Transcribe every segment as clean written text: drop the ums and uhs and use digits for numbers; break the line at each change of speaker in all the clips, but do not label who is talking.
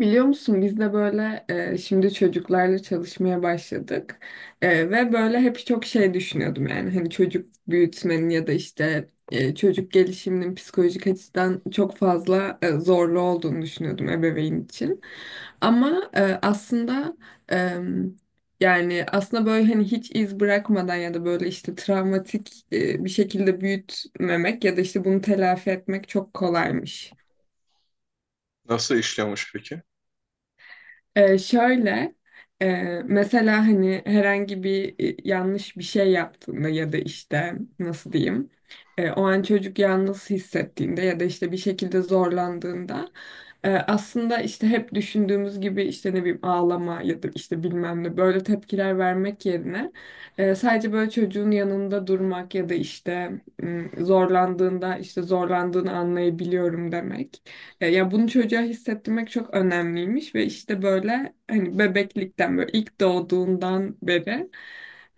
Biliyor musun biz de böyle şimdi çocuklarla çalışmaya başladık. Ve böyle hep çok şey düşünüyordum, yani hani çocuk büyütmenin ya da işte çocuk gelişiminin psikolojik açıdan çok fazla zorlu olduğunu düşünüyordum ebeveyn için. Ama aslında e, yani aslında böyle hani hiç iz bırakmadan ya da böyle işte travmatik bir şekilde büyütmemek ya da işte bunu telafi etmek çok kolaymış.
Nasıl işliyormuş peki?
Şöyle e, mesela hani herhangi bir yanlış bir şey yaptığında ya da işte nasıl diyeyim, o an çocuk yalnız hissettiğinde ya da işte bir şekilde zorlandığında aslında işte hep düşündüğümüz gibi işte ne bileyim ağlama ya da işte bilmem ne böyle tepkiler vermek yerine sadece böyle çocuğun yanında durmak ya da işte zorlandığında işte zorlandığını anlayabiliyorum demek. Ya bunu çocuğa hissettirmek çok önemliymiş ve işte böyle hani bebeklikten böyle ilk doğduğundan beri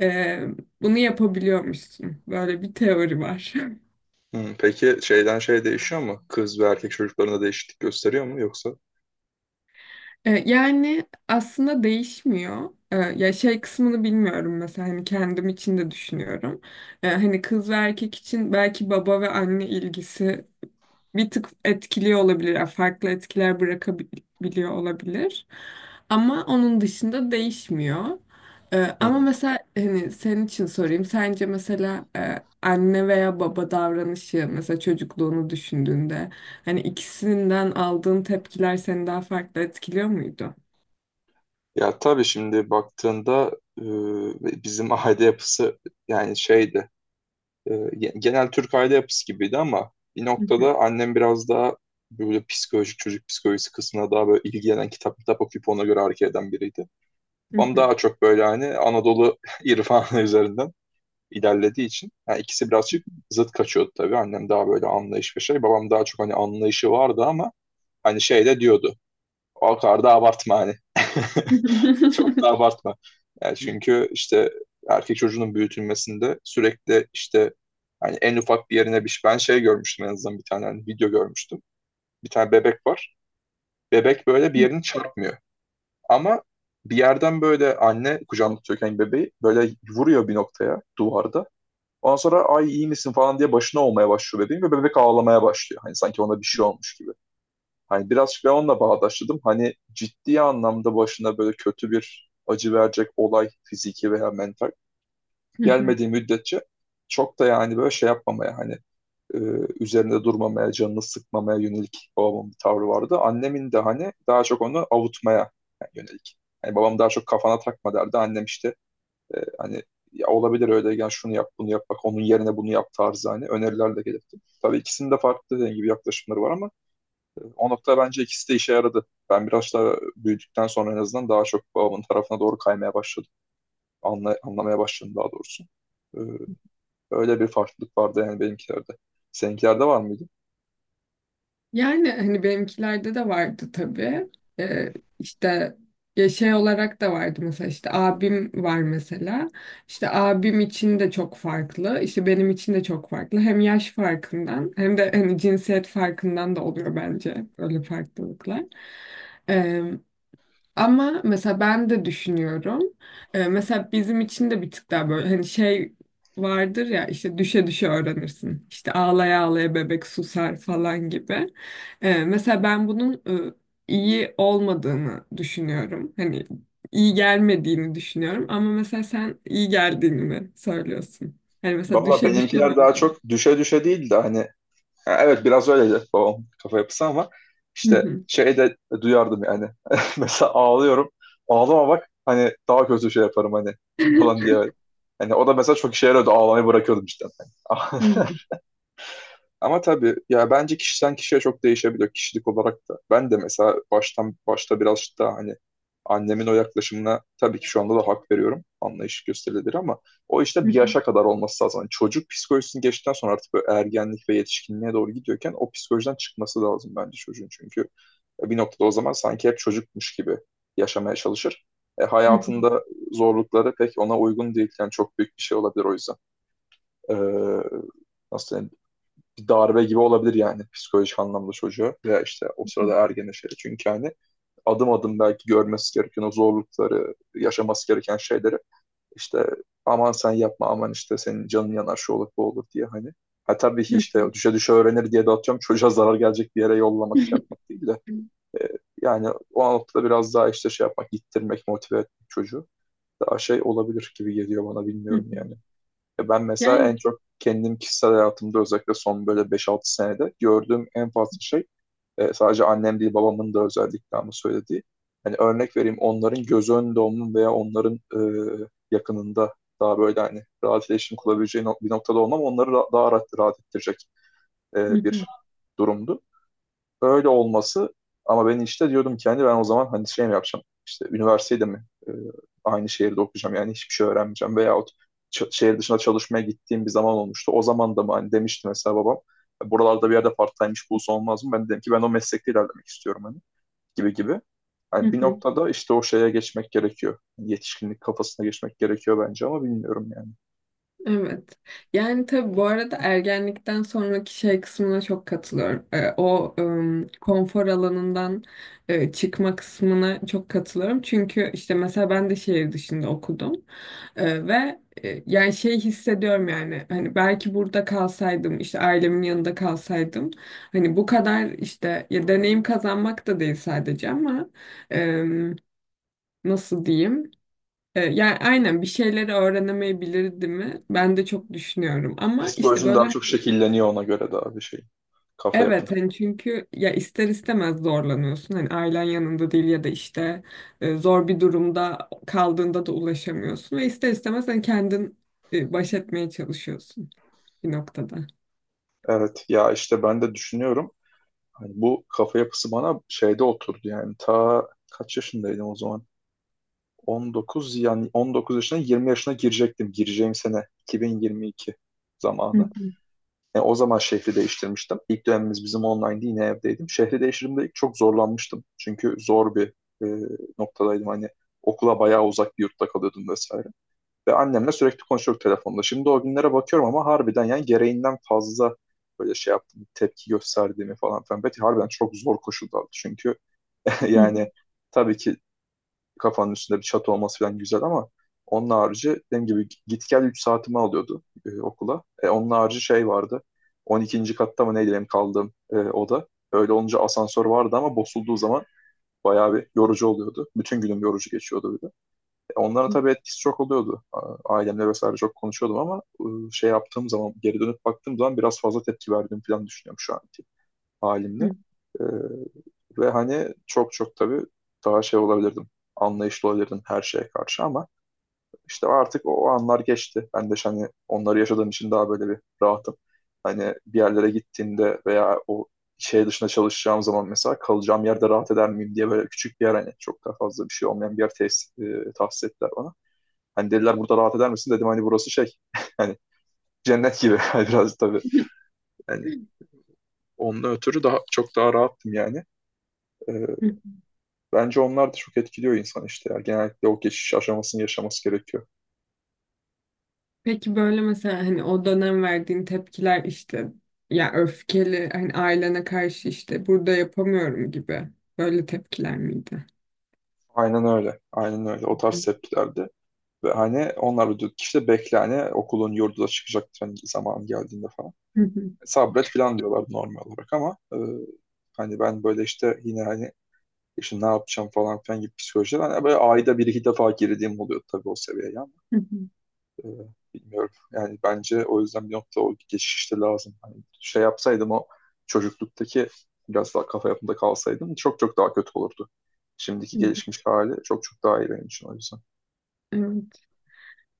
e, bunu yapabiliyormuşsun. Böyle bir teori var.
Hmm, peki şeyden şey değişiyor mu? Kız ve erkek çocuklarında değişiklik gösteriyor mu yoksa?
Yani aslında değişmiyor. Ya şey kısmını bilmiyorum, mesela hani kendim için de düşünüyorum. Hani kız ve erkek için belki baba ve anne ilgisi bir tık etkiliyor olabilir. Yani farklı etkiler bırakabiliyor olabilir. Ama onun dışında değişmiyor. Ama
Hmm.
mesela hani senin için sorayım. Sence mesela anne veya baba davranışı, mesela çocukluğunu düşündüğünde hani ikisinden aldığın tepkiler seni daha farklı etkiliyor muydu?
Ya tabii şimdi baktığında e, bizim aile yapısı yani şeydi. e, Genel Türk aile yapısı gibiydi ama bir
Hı hı,
noktada annem biraz daha böyle psikolojik çocuk psikolojisi kısmına daha böyle ilgilenen kitap okuyup ona göre hareket eden biriydi.
hı
Babam
hı.
daha çok böyle hani Anadolu irfanı üzerinden ilerlediği için yani ikisi birazcık zıt kaçıyordu tabii. Annem daha böyle anlayış ve şey. Babam daha çok hani anlayışı vardı ama hani şey de diyordu. O kadar da abartma hani. Çok da abartma. Yani çünkü işte erkek çocuğunun büyütülmesinde sürekli işte hani en ufak bir yerine bir şey. Ben şey görmüştüm en azından bir tane hani video görmüştüm. Bir tane bebek var. Bebek böyle bir yerini çarpmıyor. Ama bir yerden böyle anne kucağında tutuyorken bebeği böyle vuruyor bir noktaya duvarda. Ondan sonra ay iyi misin falan diye başına olmaya başlıyor bebeğin ve bebek ağlamaya başlıyor. Hani sanki ona bir şey olmuş gibi. Hani birazcık ben onunla bağdaşladım. Hani ciddi anlamda başına böyle kötü bir acı verecek olay fiziki veya mental
Hı hı.
gelmediği müddetçe çok da yani böyle şey yapmamaya hani e, üzerinde durmamaya, canını sıkmamaya yönelik babamın bir tavrı vardı. Annemin de hani daha çok onu avutmaya yönelik. Yani babam daha çok kafana takma derdi. Annem işte hani ya olabilir öyle gel şunu yap bunu yap bak onun yerine bunu yap tarzı hani öneriler de gelirdi. Tabii ikisinin de farklı dediğim gibi yaklaşımları var ama o nokta bence ikisi de işe yaradı. Ben biraz daha büyüdükten sonra en azından daha çok babamın tarafına doğru kaymaya başladım. Anlamaya başladım daha doğrusu. E, Öyle bir farklılık vardı yani benimkilerde. Seninkilerde var mıydı?
Yani hani benimkilerde de vardı tabii. Ee, işte ya şey olarak da vardı mesela, işte abim var mesela. İşte abim için de çok farklı, işte benim için de çok farklı. Hem yaş farkından hem de hani cinsiyet farkından da oluyor bence böyle farklılıklar. Ee, Ama mesela ben de düşünüyorum. Mesela bizim için de bir tık daha böyle hani şey vardır ya, işte düşe düşe öğrenirsin. İşte ağlaya ağlaya bebek susar falan gibi. Mesela ben bunun e, iyi olmadığını düşünüyorum. Hani iyi gelmediğini düşünüyorum. Ama mesela sen iyi geldiğini mi söylüyorsun? Hani mesela
Valla
düşe düşe mi
benimkiler daha
öğrendin?
çok düşe düşe değil de hani ha, evet biraz öyleydi babam kafa yapısı ama
Hı
işte
hı.
şey de duyardım yani. Mesela ağlıyorum. Ağlama bak hani daha kötü şey yaparım hani falan diye. Hani o da mesela çok işe yarıyordu. Ağlamayı bırakıyordum işte.
Hı hı.
Ama tabii ya bence kişiden kişiye çok değişebiliyor kişilik olarak da. Ben de mesela baştan başta biraz daha hani annemin o yaklaşımına tabii ki şu anda da hak veriyorum. Anlayış gösterilir ama o işte bir
Hı
yaşa kadar olması lazım. Hani çocuk psikolojisini geçtikten sonra artık böyle ergenlik ve yetişkinliğe doğru gidiyorken o psikolojiden çıkması lazım bence çocuğun. Çünkü bir noktada o zaman sanki hep çocukmuş gibi yaşamaya çalışır.
hı.
Hayatında zorlukları pek ona uygun değil. Yani çok büyük bir şey olabilir o yüzden. Ee, Nasıl diyeyim? Bir darbe gibi olabilir yani psikolojik anlamda çocuğu veya işte o sırada ergene şey. Çünkü hani adım adım belki görmesi gereken o zorlukları, yaşaması gereken şeyleri işte aman sen yapma aman işte senin canın yanar şu olur bu olur diye hani. Ha tabii ki
Hı hı.
işte düşe düşe öğrenir diye de atıyorum çocuğa zarar gelecek bir yere yollamak şey yapmak değil de e, yani o noktada biraz daha işte şey yapmak, ittirmek, motive etmek çocuğu daha şey olabilir gibi geliyor bana
Hı
bilmiyorum
hı.
yani. Ya ben mesela
Yani
en çok kendim kişisel hayatımda özellikle son böyle 5-6 senede gördüğüm en fazla şey sadece annem değil babamın da özellikle ama söylediği. Hani örnek vereyim onların göz önünde olmanın veya onların yakınında daha böyle hani rahat iletişim kurabileceği bir noktada olmam onları daha rahat ettirecek
hı
bir
hı.
durumdu öyle olması ama ben işte diyordum ki hani ben o zaman hani şey mi yapacağım işte üniversitede mi aynı şehirde okuyacağım yani hiçbir şey öğrenmeyeceğim veyahut şehir dışına çalışmaya gittiğim bir zaman olmuştu. O zaman da mı hani demişti mesela babam buralarda bir yerde part-time iş bulsa olmaz mı? Ben de dedim ki ben o meslekte ilerlemek istiyorum hani gibi gibi.
Hı
Yani bir
hı.
noktada işte o şeye geçmek gerekiyor. Hani yetişkinlik kafasına geçmek gerekiyor bence ama bilmiyorum yani.
Evet. Yani tabii bu arada ergenlikten sonraki şey kısmına çok katılıyorum. O konfor alanından çıkma kısmına çok katılıyorum. Çünkü işte mesela ben de şehir dışında okudum. Ve yani şey hissediyorum, yani hani belki burada kalsaydım, işte ailemin yanında kalsaydım hani bu kadar işte ya deneyim kazanmak da değil sadece, ama em, nasıl diyeyim? Yani aynen bir şeyleri öğrenemeyebilirdi mi? Ben de çok düşünüyorum ama işte
Psikolojin daha
böyle
çok şekilleniyor ona göre daha bir şey. Kafa yapın.
evet, hani çünkü ya ister istemez zorlanıyorsun. Hani ailen yanında değil ya da işte zor bir durumda kaldığında da ulaşamıyorsun ve ister istemez hani kendin baş etmeye çalışıyorsun bir noktada.
Evet ya işte ben de düşünüyorum. Hani bu kafa yapısı bana şeyde oturdu yani ta kaç yaşındaydım o zaman? 19 yani 19 yaşına 20 yaşına girecektim. Gireceğim sene 2022
Hı
zamanı.
hı.
Yani o zaman şehri değiştirmiştim. İlk dönemimiz bizim online'di yine evdeydim. Şehri değiştirdiğimde ilk çok zorlanmıştım. Çünkü zor bir e, noktadaydım. Hani okula bayağı uzak bir yurtta kalıyordum vesaire. Ve annemle sürekli konuşuyorduk telefonda. Şimdi o günlere bakıyorum ama harbiden yani gereğinden fazla böyle şey yaptım, tepki gösterdiğimi falan filan. Belki harbiden çok zor koşullardı çünkü
Hı,
yani tabii ki kafanın üstünde bir çatı olması falan güzel ama onun harici dediğim gibi git gel 3 saatimi alıyordu okula. E, onun harici şey vardı. 12. katta mı neydi benim kaldığım oda. Öyle olunca asansör vardı ama bozulduğu zaman bayağı bir yorucu oluyordu. Bütün günüm yorucu geçiyordu bir de. Onlara tabii etkisi çok oluyordu. Ailemle vesaire çok konuşuyordum ama şey yaptığım zaman, geri dönüp baktığım zaman biraz fazla tepki verdiğim falan düşünüyorum şu anki
hı,
halimle. E, Ve hani çok çok tabii daha şey olabilirdim. Anlayışlı olabilirdim her şeye karşı ama işte artık o anlar geçti. Ben de işte hani onları yaşadığım için daha böyle bir rahatım. Hani bir yerlere gittiğimde veya o şey dışında çalışacağım zaman mesela kalacağım yerde rahat eder miyim diye böyle küçük bir yer hani çok daha fazla bir şey olmayan bir yer tahsis ettiler bana. Hani dediler burada rahat eder misin? Dedim hani burası şey hani cennet gibi biraz tabii. Yani onun ötürü daha çok daha rahattım yani. Ee,
hı.
Bence onlar da çok etkiliyor insan işte ya. Genellikle o geçiş aşamasını yaşaması gerekiyor.
Peki böyle mesela hani o dönem verdiğin tepkiler işte ya öfkeli hani ailene karşı, işte burada yapamıyorum gibi böyle tepkiler miydi?
Aynen öyle. Aynen öyle. O tarz
Hı,
tepkilerde. Ve hani onlar da işte bekle hani okulun yurdu da çıkacaktır hani zaman geldiğinde falan.
hı,
Sabret falan diyorlar normal olarak ama hani ben böyle işte yine hani işte ne yapacağım falan filan gibi psikolojiler. Hani böyle ayda bir iki defa girdiğim oluyor tabii o seviyeye.
hı,
Ee, Bilmiyorum. Yani bence o yüzden bir nokta o geçişte lazım. Hani şey yapsaydım o çocukluktaki biraz daha kafa yapımda kalsaydım çok çok daha kötü olurdu. Şimdiki
hı, hı.
gelişmiş hali çok çok daha iyi benim için o yüzden.
Evet.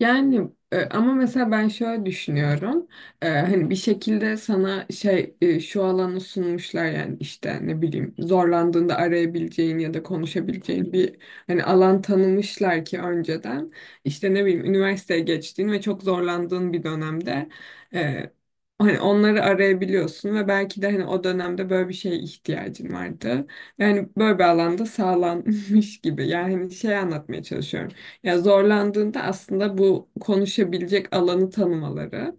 Yani ama mesela ben şöyle düşünüyorum. Hani bir şekilde sana şey şu alanı sunmuşlar, yani işte ne bileyim zorlandığında arayabileceğin ya da konuşabileceğin bir hani alan tanımışlar ki önceden işte ne bileyim üniversiteye geçtiğin ve çok zorlandığın bir dönemde e, hani onları arayabiliyorsun ve belki de hani o dönemde böyle bir şeye ihtiyacın vardı. Yani böyle bir alanda sağlanmış gibi. Yani hani şey anlatmaya çalışıyorum. Ya zorlandığında aslında bu konuşabilecek alanı tanımaları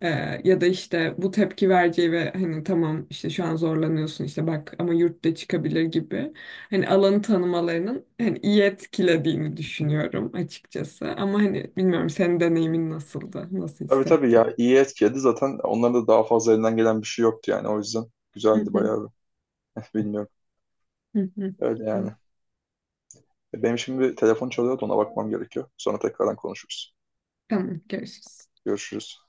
e, ya da işte bu tepki vereceği ve hani tamam işte şu an zorlanıyorsun, işte bak ama yurtta çıkabilir gibi hani alanı tanımalarının hani iyi etkilediğini düşünüyorum açıkçası. Ama hani bilmiyorum, senin deneyimin nasıldı? Nasıl
Tabii tabii
hissettin?
ya iyi etkiledi zaten onların da daha fazla elinden gelen bir şey yoktu yani o yüzden
Hı
güzeldi
hı,
bayağı bir. Bilmiyorum.
hı hı.
Öyle yani.
Hı.
Benim şimdi bir telefon çalıyordu ona bakmam gerekiyor. Sonra tekrardan konuşuruz.
Tamam, görüşürüz.
Görüşürüz.